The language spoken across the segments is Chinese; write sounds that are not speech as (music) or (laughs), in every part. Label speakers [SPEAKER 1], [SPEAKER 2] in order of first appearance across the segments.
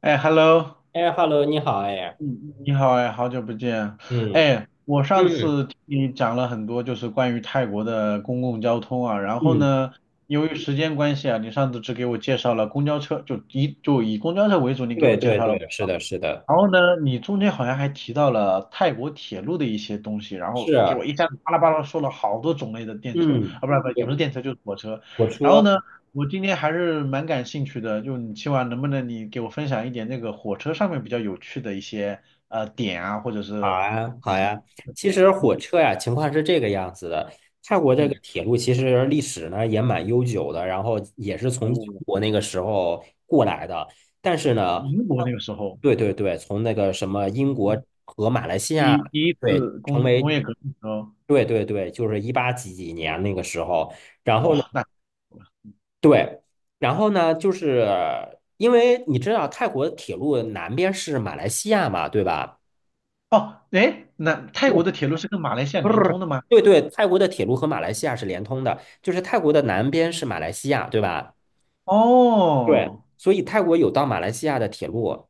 [SPEAKER 1] 哎，Hello。
[SPEAKER 2] 哎，Hello，你好，哎，
[SPEAKER 1] 嗯，你好哎，好久不见。
[SPEAKER 2] 嗯
[SPEAKER 1] 哎，我上
[SPEAKER 2] 嗯
[SPEAKER 1] 次听你讲了很多，就是关于泰国的公共交通啊。然后
[SPEAKER 2] 嗯，
[SPEAKER 1] 呢，由于时间关系啊，你上次只给我介绍了公交车，就以公交车为主，你给
[SPEAKER 2] 对
[SPEAKER 1] 我介
[SPEAKER 2] 对
[SPEAKER 1] 绍了。
[SPEAKER 2] 对，是的，是的，
[SPEAKER 1] 然后呢，你中间好像还提到了泰国铁路的一些东西，然
[SPEAKER 2] 是
[SPEAKER 1] 后给
[SPEAKER 2] 啊，
[SPEAKER 1] 我一下子巴拉巴拉说了好多种类的电车。啊，
[SPEAKER 2] 嗯，
[SPEAKER 1] 不是不是，也不是
[SPEAKER 2] 对，
[SPEAKER 1] 电车，就是火车。
[SPEAKER 2] 火
[SPEAKER 1] 然后
[SPEAKER 2] 车，
[SPEAKER 1] 呢，我今天还是蛮感兴趣的，就你今晚能不能你给我分享一点那个火车上面比较有趣的一些点啊，或者
[SPEAKER 2] 好
[SPEAKER 1] 是
[SPEAKER 2] 啊，
[SPEAKER 1] 嗯
[SPEAKER 2] 好呀。其实火
[SPEAKER 1] 嗯
[SPEAKER 2] 车呀，情况是这个样子的。泰国这个
[SPEAKER 1] 嗯。
[SPEAKER 2] 铁路其实历史呢也蛮悠久的，然后也是从英
[SPEAKER 1] 哦，
[SPEAKER 2] 国那个时候过来的。但是呢，
[SPEAKER 1] 英国
[SPEAKER 2] 泰
[SPEAKER 1] 那个
[SPEAKER 2] 国
[SPEAKER 1] 时候，
[SPEAKER 2] 对对对，从那个什么英国
[SPEAKER 1] 嗯，
[SPEAKER 2] 和马来西亚，
[SPEAKER 1] 第第一
[SPEAKER 2] 对，
[SPEAKER 1] 次
[SPEAKER 2] 成
[SPEAKER 1] 工
[SPEAKER 2] 为，
[SPEAKER 1] 工业革命的时候，
[SPEAKER 2] 对对对，就是一八几几年那个时候。然后呢，
[SPEAKER 1] 哇，那
[SPEAKER 2] 对，然后呢，就是因为你知道泰国铁路南边是马来西亚嘛，对吧？
[SPEAKER 1] 哦。哎，那
[SPEAKER 2] 不
[SPEAKER 1] 泰国的
[SPEAKER 2] 是，
[SPEAKER 1] 铁路是跟马来西亚
[SPEAKER 2] 不是。
[SPEAKER 1] 连通的吗？
[SPEAKER 2] 对对，泰国的铁路和马来西亚是连通的，就是泰国的南边是马来西亚，对吧？对，
[SPEAKER 1] 哦，
[SPEAKER 2] 所以泰国有到马来西亚的铁路，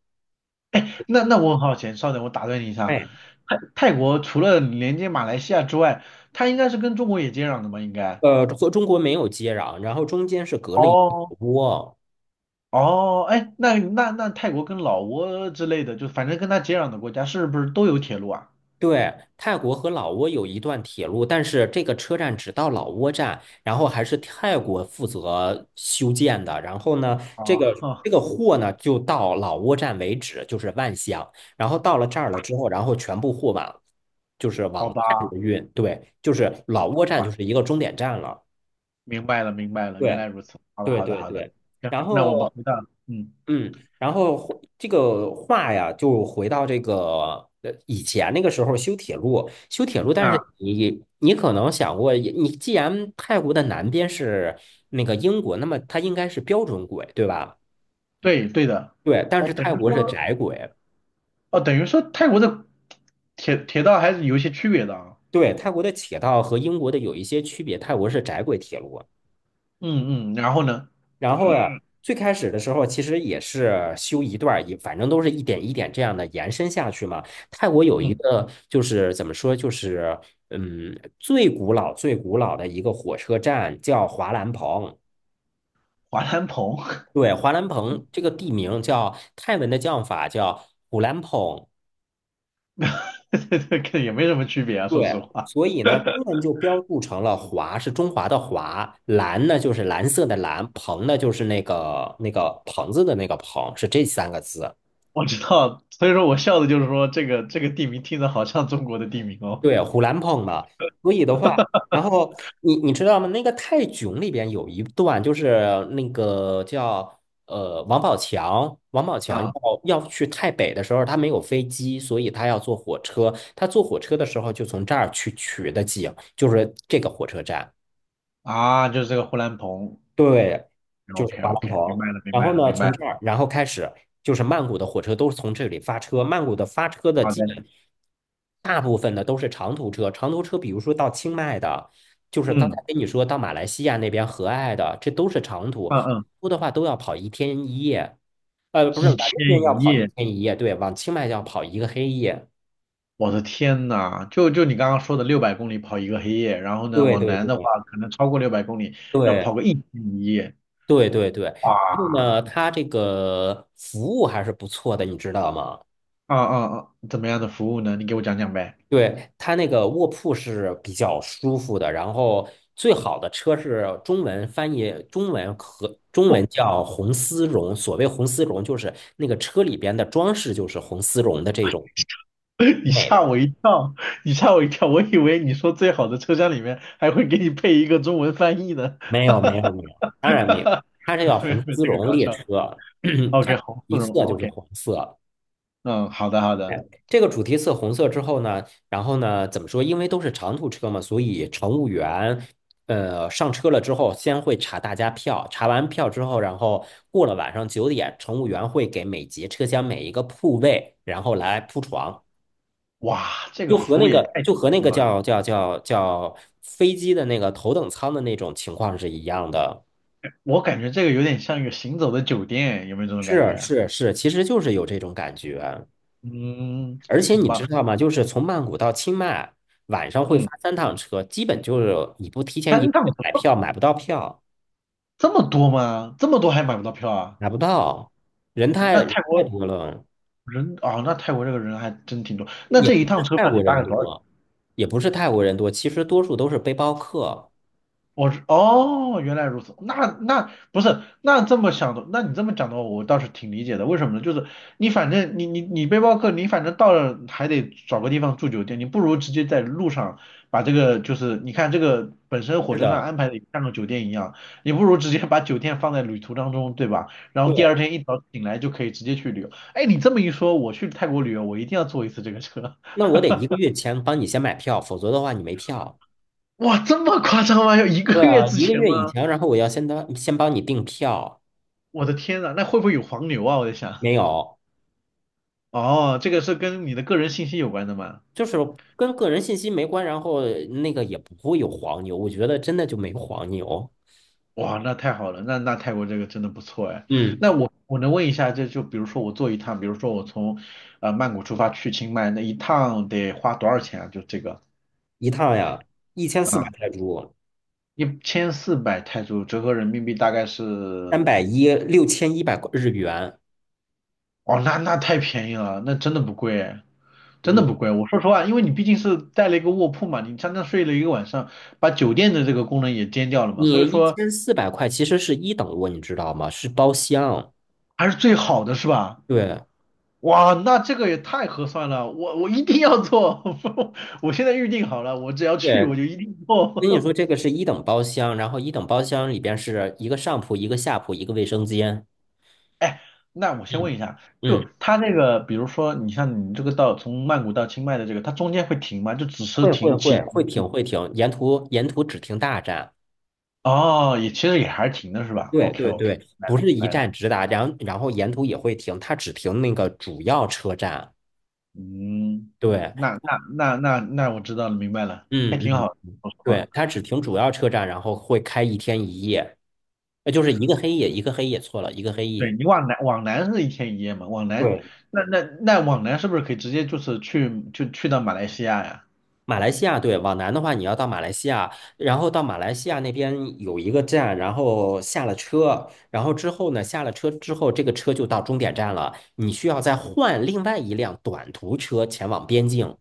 [SPEAKER 1] 那我很好奇，稍等，我打断你一下。
[SPEAKER 2] 哎，
[SPEAKER 1] 泰国除了连接马来西亚之外，它应该是跟中国也接壤的吧？应该。
[SPEAKER 2] 和中国没有接壤，然后中间是隔了一个
[SPEAKER 1] 哦
[SPEAKER 2] 窝。
[SPEAKER 1] 哦，哎，那泰国跟老挝之类的，就反正跟它接壤的国家，是不是都有铁路啊？
[SPEAKER 2] 对，泰国和老挝有一段铁路，但是这个车站只到老挝站，然后还是泰国负责修建的。然后呢，
[SPEAKER 1] 啊，
[SPEAKER 2] 这个
[SPEAKER 1] (laughs) 呵
[SPEAKER 2] 这
[SPEAKER 1] 啊。
[SPEAKER 2] 个货呢就到老挝站为止，就是万象。然后到了这儿了之后，然后全部货往就是
[SPEAKER 1] 好
[SPEAKER 2] 往
[SPEAKER 1] 吧，
[SPEAKER 2] 泰国运。对，就是
[SPEAKER 1] 好
[SPEAKER 2] 老
[SPEAKER 1] 吧，
[SPEAKER 2] 挝
[SPEAKER 1] 好
[SPEAKER 2] 站就
[SPEAKER 1] 吧，
[SPEAKER 2] 是一个终点站了。
[SPEAKER 1] 明白了，明白了，原
[SPEAKER 2] 对
[SPEAKER 1] 来如此。好的，
[SPEAKER 2] 对
[SPEAKER 1] 好的，
[SPEAKER 2] 对
[SPEAKER 1] 好的。
[SPEAKER 2] 对。
[SPEAKER 1] 行，
[SPEAKER 2] 然
[SPEAKER 1] 那我们
[SPEAKER 2] 后
[SPEAKER 1] 回到，嗯
[SPEAKER 2] 嗯，然后回这个话呀，就回到这个以前那个时候修铁路，但
[SPEAKER 1] 啊，
[SPEAKER 2] 是你可能想过，你既然泰国的南边是那个英国，那么它应该是标准轨，对吧？
[SPEAKER 1] 对对的。
[SPEAKER 2] 对，但
[SPEAKER 1] 哦，
[SPEAKER 2] 是
[SPEAKER 1] 等
[SPEAKER 2] 泰
[SPEAKER 1] 于
[SPEAKER 2] 国是
[SPEAKER 1] 说，
[SPEAKER 2] 窄轨，
[SPEAKER 1] 哦，等于说泰国的铁道还是有一些区别的啊。
[SPEAKER 2] 对，泰国的铁道和英国的有一些区别，泰国是窄轨铁路。
[SPEAKER 1] 嗯嗯，然后呢？
[SPEAKER 2] 然后呀，
[SPEAKER 1] 嗯，
[SPEAKER 2] 最开始的时候其实也是修一段儿，也反正都是一点一点这样的延伸下去嘛。泰国有一
[SPEAKER 1] 嗯
[SPEAKER 2] 个就是怎么说，就是嗯，最古老最古老的一个火车站叫华兰蓬。
[SPEAKER 1] 华南鹏。
[SPEAKER 2] 对，华兰蓬这个地名叫泰文的叫法叫虎兰蓬。
[SPEAKER 1] (laughs) 这个也没什么区别啊，说
[SPEAKER 2] 对，
[SPEAKER 1] 实话。
[SPEAKER 2] 所以呢，中文就标注成了华是中华的华，蓝呢就是蓝色的蓝，蓬呢就是那个棚子的那个棚，是这三个字。
[SPEAKER 1] 我知道，所以说我笑的就是说这个地名听着好像中国的地名哦。
[SPEAKER 2] 对，虎兰碰的，所以的话，然后你知道吗？那个泰囧里边有一段，就是那个叫王宝强，王宝强
[SPEAKER 1] 啊
[SPEAKER 2] 要去泰北的时候，他没有飞机，所以他要坐火车。他坐火车的时候，就从这儿去取的景，就是这个火车站。
[SPEAKER 1] (laughs) 啊，就是这个呼兰鹏。
[SPEAKER 2] 对，就是
[SPEAKER 1] OK
[SPEAKER 2] 巴兰
[SPEAKER 1] OK，明
[SPEAKER 2] 蓬，
[SPEAKER 1] 白了明
[SPEAKER 2] 然
[SPEAKER 1] 白
[SPEAKER 2] 后
[SPEAKER 1] 了
[SPEAKER 2] 呢，
[SPEAKER 1] 明白
[SPEAKER 2] 从这
[SPEAKER 1] 了。
[SPEAKER 2] 儿，然后开始就是曼谷的火车都是从这里发车。曼谷的发车的
[SPEAKER 1] 好
[SPEAKER 2] 基
[SPEAKER 1] 的，
[SPEAKER 2] 本大部分的都是长途车，长途车比如说到清迈的，就是刚才
[SPEAKER 1] 嗯
[SPEAKER 2] 跟你说到马来西亚那边和爱的，这都是长途，
[SPEAKER 1] 嗯嗯。
[SPEAKER 2] 多的话都要跑一天一夜。不是，
[SPEAKER 1] 几
[SPEAKER 2] 往
[SPEAKER 1] 天
[SPEAKER 2] 这边要
[SPEAKER 1] 一
[SPEAKER 2] 跑一
[SPEAKER 1] 夜，
[SPEAKER 2] 天一夜，对，往清迈要跑一个黑夜。
[SPEAKER 1] 我的天呐，就你刚刚说的六百公里跑一个黑夜，然后呢
[SPEAKER 2] 对
[SPEAKER 1] 往
[SPEAKER 2] 对
[SPEAKER 1] 南的话
[SPEAKER 2] 对
[SPEAKER 1] 可能超过六百公里要
[SPEAKER 2] 对
[SPEAKER 1] 跑个一天一夜。
[SPEAKER 2] 对对对。
[SPEAKER 1] 哇。
[SPEAKER 2] 然后呢，它这个服务还是不错的，你知道吗？
[SPEAKER 1] 啊啊啊，怎么样的服务呢？你给我讲讲呗。
[SPEAKER 2] 对，它那个卧铺是比较舒服的，然后最好的车是中文翻译，中文和中文
[SPEAKER 1] (laughs)
[SPEAKER 2] 叫红丝绒。所谓红丝绒，就是那个车里边的装饰就是红丝绒的这种
[SPEAKER 1] 你
[SPEAKER 2] 美的。
[SPEAKER 1] 吓我一跳，你吓我一跳，我以为你说最好的车厢里面还会给你配一个中文翻译呢。
[SPEAKER 2] 没
[SPEAKER 1] (laughs)
[SPEAKER 2] 有，没有，
[SPEAKER 1] 哈
[SPEAKER 2] 没有，
[SPEAKER 1] 哈
[SPEAKER 2] 当然没有，
[SPEAKER 1] 哈，
[SPEAKER 2] 它是叫
[SPEAKER 1] 没
[SPEAKER 2] 红
[SPEAKER 1] 没
[SPEAKER 2] 丝
[SPEAKER 1] 这个
[SPEAKER 2] 绒
[SPEAKER 1] 搞
[SPEAKER 2] 列
[SPEAKER 1] 笑。
[SPEAKER 2] 车，(clears throat) 它
[SPEAKER 1] OK，红丝
[SPEAKER 2] 一
[SPEAKER 1] 绒
[SPEAKER 2] 色就是
[SPEAKER 1] ，OK，
[SPEAKER 2] 红色。
[SPEAKER 1] 嗯，好的好
[SPEAKER 2] 哎，
[SPEAKER 1] 的。
[SPEAKER 2] 这个主题色红色之后呢，然后呢，怎么说？因为都是长途车嘛，所以乘务员，上车了之后，先会查大家票，查完票之后，然后过了晚上9点，乘务员会给每节车厢每一个铺位，然后来铺床，
[SPEAKER 1] 哇，这
[SPEAKER 2] 就
[SPEAKER 1] 个
[SPEAKER 2] 和
[SPEAKER 1] 服务
[SPEAKER 2] 那
[SPEAKER 1] 也
[SPEAKER 2] 个
[SPEAKER 1] 太强
[SPEAKER 2] 就和那
[SPEAKER 1] 了
[SPEAKER 2] 个
[SPEAKER 1] 吧。
[SPEAKER 2] 叫叫叫叫飞机的那个头等舱的那种情况是一样的。
[SPEAKER 1] 我感觉这个有点像一个行走的酒店，有没有这种感
[SPEAKER 2] 是
[SPEAKER 1] 觉啊？
[SPEAKER 2] 是是，其实就是有这种感觉。
[SPEAKER 1] 嗯，
[SPEAKER 2] 而且
[SPEAKER 1] 很
[SPEAKER 2] 你
[SPEAKER 1] 棒。
[SPEAKER 2] 知道吗？就是从曼谷到清迈，晚上会
[SPEAKER 1] 嗯，
[SPEAKER 2] 发3趟车，基本就是你不提前一
[SPEAKER 1] 三
[SPEAKER 2] 个
[SPEAKER 1] 趟
[SPEAKER 2] 月
[SPEAKER 1] 怎
[SPEAKER 2] 买
[SPEAKER 1] 么
[SPEAKER 2] 票，买不到票，
[SPEAKER 1] 这么多吗？这么多还买不到票啊？
[SPEAKER 2] 买不到，人
[SPEAKER 1] 哦那
[SPEAKER 2] 太
[SPEAKER 1] 泰国
[SPEAKER 2] 太多了，
[SPEAKER 1] 人啊，那泰国这个人还真挺多，那
[SPEAKER 2] 也
[SPEAKER 1] 这一
[SPEAKER 2] 不
[SPEAKER 1] 趟
[SPEAKER 2] 是
[SPEAKER 1] 车
[SPEAKER 2] 泰
[SPEAKER 1] 票得
[SPEAKER 2] 国
[SPEAKER 1] 大
[SPEAKER 2] 人
[SPEAKER 1] 概多少？
[SPEAKER 2] 多，也不是泰国人多，其实多数都是背包客。
[SPEAKER 1] 我是哦，原来如此。那不是那这么想的，那你这么讲的话，我倒是挺理解的。为什么呢？就是你反正你背包客，你反正到了还得找个地方住酒店，你不如直接在路上把这个就是你看这个本身火
[SPEAKER 2] 是
[SPEAKER 1] 车上
[SPEAKER 2] 的，
[SPEAKER 1] 安排的像个酒店一样，你不如直接把酒店放在旅途当中，对吧？然后第二
[SPEAKER 2] 对。
[SPEAKER 1] 天一早醒来就可以直接去旅游。哎，你这么一说，我去泰国旅游，我一定要坐一次这个车。
[SPEAKER 2] 那我得一个月前帮你先买票，否则的话你没票。
[SPEAKER 1] (laughs) 哇，这么夸张吗？要一个
[SPEAKER 2] 对
[SPEAKER 1] 月
[SPEAKER 2] 啊，
[SPEAKER 1] 之
[SPEAKER 2] 一个
[SPEAKER 1] 前
[SPEAKER 2] 月以
[SPEAKER 1] 吗？
[SPEAKER 2] 前，然后我要先当先帮你订票，
[SPEAKER 1] 我的天呐，那会不会有黄牛啊？我在想。
[SPEAKER 2] 没有。
[SPEAKER 1] 哦，这个是跟你的个人信息有关的吗？
[SPEAKER 2] 就是跟个人信息没关，然后那个也不会有黄牛，我觉得真的就没有黄牛。
[SPEAKER 1] 哇，那太好了，那泰国这个真的不错哎。
[SPEAKER 2] 嗯，
[SPEAKER 1] 那我能问一下，这就比如说我坐一趟，比如说我从曼谷出发去清迈，那一趟得花多少钱啊？就这个
[SPEAKER 2] 一趟呀，一千四百
[SPEAKER 1] 啊，
[SPEAKER 2] 泰铢，
[SPEAKER 1] 1400泰铢，折合人民币大概
[SPEAKER 2] 三
[SPEAKER 1] 是，
[SPEAKER 2] 百一，6100日元。
[SPEAKER 1] 哦，那太便宜了，那真的不贵哎，真的
[SPEAKER 2] 嗯，
[SPEAKER 1] 不贵。我说实话，因为你毕竟是带了一个卧铺嘛，你相当睡了一个晚上，把酒店的这个功能也兼掉了嘛，所
[SPEAKER 2] 你
[SPEAKER 1] 以
[SPEAKER 2] 一
[SPEAKER 1] 说
[SPEAKER 2] 千四百块其实是一等卧，你知道吗？是包厢。
[SPEAKER 1] 还是最好的是吧？
[SPEAKER 2] 对
[SPEAKER 1] 哇，那这个也太合算了，我一定要做，(laughs) 我现在预定好了，我只要去
[SPEAKER 2] 对，
[SPEAKER 1] 我就一定
[SPEAKER 2] 跟你
[SPEAKER 1] 做。
[SPEAKER 2] 说这个是一等包厢，然后一等包厢里边是一个上铺、一个下铺、一个卫生间。
[SPEAKER 1] (laughs) 哎，那我先
[SPEAKER 2] 嗯
[SPEAKER 1] 问一下，就
[SPEAKER 2] 嗯，
[SPEAKER 1] 他那个，比如说你像你这个到从曼谷到清迈的这个，它中间会停吗？就只是
[SPEAKER 2] 会会
[SPEAKER 1] 停几。
[SPEAKER 2] 会会停会停，沿途只停大站。
[SPEAKER 1] 哦，也其实也还是停的是吧
[SPEAKER 2] 对
[SPEAKER 1] ？OK
[SPEAKER 2] 对
[SPEAKER 1] OK，
[SPEAKER 2] 对，
[SPEAKER 1] 来
[SPEAKER 2] 不
[SPEAKER 1] 了
[SPEAKER 2] 是一
[SPEAKER 1] 来了，
[SPEAKER 2] 站直达，然后沿途也会停，它只停那个主要车站。
[SPEAKER 1] 嗯，
[SPEAKER 2] 对，
[SPEAKER 1] 那我知道了，明白了，还
[SPEAKER 2] 嗯
[SPEAKER 1] 挺
[SPEAKER 2] 嗯，
[SPEAKER 1] 好的，说实
[SPEAKER 2] 对，
[SPEAKER 1] 话。
[SPEAKER 2] 它只停主要车站，然后会开一天一夜，那就是一个黑夜，一个黑夜，错了，一个黑
[SPEAKER 1] 对
[SPEAKER 2] 夜。
[SPEAKER 1] 你往南是一天一夜嘛，往南
[SPEAKER 2] 对，
[SPEAKER 1] 那往南是不是可以直接就是去就去到马来西亚呀？
[SPEAKER 2] 马来西亚，对，往南的话，你要到马来西亚，然后到马来西亚那边有一个站，然后下了车，然后之后呢，下了车之后，这个车就到终点站了，你需要再换另外一辆短途车前往边境，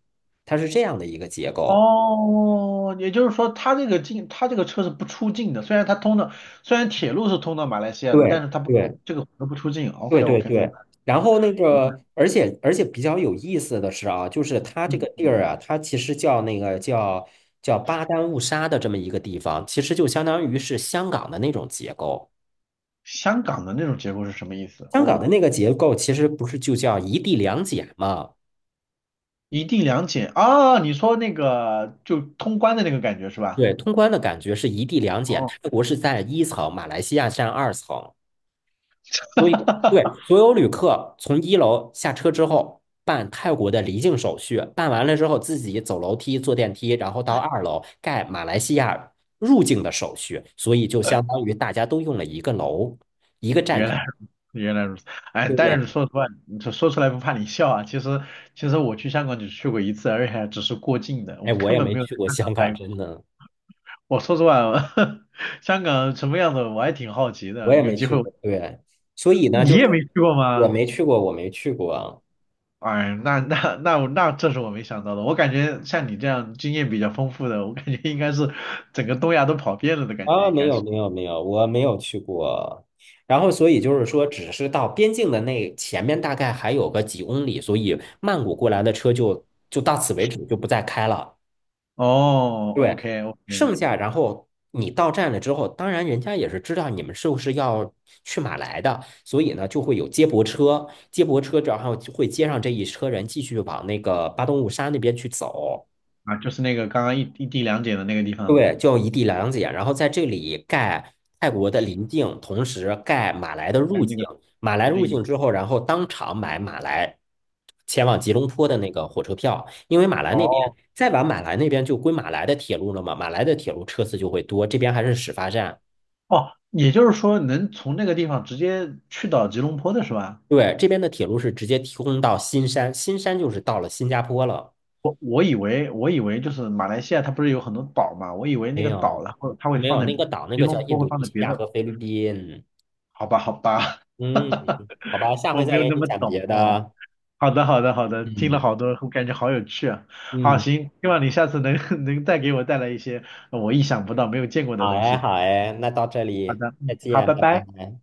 [SPEAKER 2] 它是这样的一个结构。
[SPEAKER 1] 哦，也就是说，它这个进，它这个车是不出境的。虽然它通的，虽然铁路是通到马来西亚的，但
[SPEAKER 2] 对
[SPEAKER 1] 是它不，
[SPEAKER 2] 对
[SPEAKER 1] 这个河不出境。
[SPEAKER 2] 对
[SPEAKER 1] OK
[SPEAKER 2] 对
[SPEAKER 1] OK，明
[SPEAKER 2] 对，
[SPEAKER 1] 白
[SPEAKER 2] 然后那
[SPEAKER 1] 明白。
[SPEAKER 2] 个，而且比较有意思的是啊，就是它这个
[SPEAKER 1] 嗯，
[SPEAKER 2] 地儿啊，它其实叫那个叫巴丹误沙的这么一个地方，其实就相当于是香港的那种结构。
[SPEAKER 1] 香港的那种结构是什么意思？
[SPEAKER 2] 香港
[SPEAKER 1] 我
[SPEAKER 2] 的那个结构其实不是就叫一地两检嘛？
[SPEAKER 1] 一地两检啊，你说那个就通关的那个感觉是吧？
[SPEAKER 2] 对，通关的感觉是一地两检，
[SPEAKER 1] 哦，
[SPEAKER 2] 泰国是在一层，马来西亚占二层。所以，
[SPEAKER 1] (laughs)
[SPEAKER 2] 对，所有旅客从一楼下车之后，办泰国的离境手续，办完了之后自己走楼梯、坐电梯，然后到二楼盖马来西亚入境的手续，所以就相当于大家都用了一个楼、一个站
[SPEAKER 1] 原
[SPEAKER 2] 台。
[SPEAKER 1] 来如原来如此。哎，但是
[SPEAKER 2] 对，
[SPEAKER 1] 说实话，你说说出来不怕你笑啊。其实其实我去香港只去过一次，而且还只是过境的，
[SPEAKER 2] 哎，
[SPEAKER 1] 我
[SPEAKER 2] 我
[SPEAKER 1] 根
[SPEAKER 2] 也
[SPEAKER 1] 本
[SPEAKER 2] 没
[SPEAKER 1] 没有在
[SPEAKER 2] 去过
[SPEAKER 1] 香
[SPEAKER 2] 香
[SPEAKER 1] 港
[SPEAKER 2] 港，
[SPEAKER 1] 待
[SPEAKER 2] 真
[SPEAKER 1] 过。
[SPEAKER 2] 的，
[SPEAKER 1] 我说实话，(laughs) 香港什么样子我还挺好奇
[SPEAKER 2] 我
[SPEAKER 1] 的，
[SPEAKER 2] 也
[SPEAKER 1] 有
[SPEAKER 2] 没
[SPEAKER 1] 机
[SPEAKER 2] 去
[SPEAKER 1] 会我
[SPEAKER 2] 过。对，所以呢，
[SPEAKER 1] 你
[SPEAKER 2] 就
[SPEAKER 1] 也
[SPEAKER 2] 是
[SPEAKER 1] 没去过
[SPEAKER 2] 我
[SPEAKER 1] 吗？
[SPEAKER 2] 没去过，我没去过。
[SPEAKER 1] 哎，那我那这是我没想到的。我感觉像你这样经验比较丰富的，我感觉应该是整个东亚都跑遍了的感觉，
[SPEAKER 2] 啊，
[SPEAKER 1] 应
[SPEAKER 2] 没
[SPEAKER 1] 该
[SPEAKER 2] 有
[SPEAKER 1] 是。
[SPEAKER 2] 没有没有，我没有去过。然后，所以就是说，只是到边境的那前面大概还有个几公里，所以曼谷过来的车就到此为止，就不再开了。
[SPEAKER 1] 哦
[SPEAKER 2] 对，
[SPEAKER 1] ，OK OK，
[SPEAKER 2] 剩下然后你到站了之后，当然人家也是知道你们是不是要去马来的，所以呢就会有接驳车，接驳车然后就会接上这一车人，继续往那个巴东务沙那边去走。
[SPEAKER 1] 啊，就是那个刚刚一地两检的那个地方嘛，
[SPEAKER 2] 对，就一地两检，然后在这里盖泰国的邻境，同时盖马来的
[SPEAKER 1] 在
[SPEAKER 2] 入
[SPEAKER 1] 那
[SPEAKER 2] 境。
[SPEAKER 1] 个
[SPEAKER 2] 马来
[SPEAKER 1] 附
[SPEAKER 2] 入
[SPEAKER 1] 近。
[SPEAKER 2] 境
[SPEAKER 1] 的。
[SPEAKER 2] 之后，然后当场买马来前往吉隆坡的那个火车票，因为马来那边
[SPEAKER 1] 哦
[SPEAKER 2] 再往马来那边就归马来的铁路了嘛，马来的铁路车次就会多，这边还是始发站。
[SPEAKER 1] 哦，也就是说能从那个地方直接去到吉隆坡的是吧？
[SPEAKER 2] 对，这边的铁路是直接提供到新山，新山就是到了新加坡了。
[SPEAKER 1] 我以为就是马来西亚它不是有很多岛嘛，我以为那
[SPEAKER 2] 没
[SPEAKER 1] 个岛
[SPEAKER 2] 有，
[SPEAKER 1] 然后它会
[SPEAKER 2] 没
[SPEAKER 1] 放
[SPEAKER 2] 有，
[SPEAKER 1] 在
[SPEAKER 2] 那个岛那
[SPEAKER 1] 吉
[SPEAKER 2] 个叫
[SPEAKER 1] 隆
[SPEAKER 2] 印
[SPEAKER 1] 坡会
[SPEAKER 2] 度
[SPEAKER 1] 放
[SPEAKER 2] 尼
[SPEAKER 1] 在
[SPEAKER 2] 西
[SPEAKER 1] 别
[SPEAKER 2] 亚
[SPEAKER 1] 的，
[SPEAKER 2] 和菲律宾。
[SPEAKER 1] 好吧好吧，
[SPEAKER 2] 嗯，
[SPEAKER 1] (laughs)
[SPEAKER 2] 好吧，下
[SPEAKER 1] 我
[SPEAKER 2] 回
[SPEAKER 1] 没
[SPEAKER 2] 再
[SPEAKER 1] 有
[SPEAKER 2] 给
[SPEAKER 1] 那
[SPEAKER 2] 你
[SPEAKER 1] 么
[SPEAKER 2] 讲
[SPEAKER 1] 懂
[SPEAKER 2] 别
[SPEAKER 1] 哦。
[SPEAKER 2] 的。
[SPEAKER 1] 好的好的好的，听
[SPEAKER 2] 嗯
[SPEAKER 1] 了好多，我感觉好有趣啊。好
[SPEAKER 2] 嗯。
[SPEAKER 1] 行，希望你下次能 (laughs) 能再给我带来一些我意想不到没有见过的
[SPEAKER 2] 好
[SPEAKER 1] 东
[SPEAKER 2] 哎，
[SPEAKER 1] 西。
[SPEAKER 2] 好哎，
[SPEAKER 1] 嗯，
[SPEAKER 2] 那到这
[SPEAKER 1] 好
[SPEAKER 2] 里，
[SPEAKER 1] 的，
[SPEAKER 2] 再
[SPEAKER 1] 嗯，好，
[SPEAKER 2] 见，
[SPEAKER 1] 拜
[SPEAKER 2] 拜
[SPEAKER 1] 拜。
[SPEAKER 2] 拜。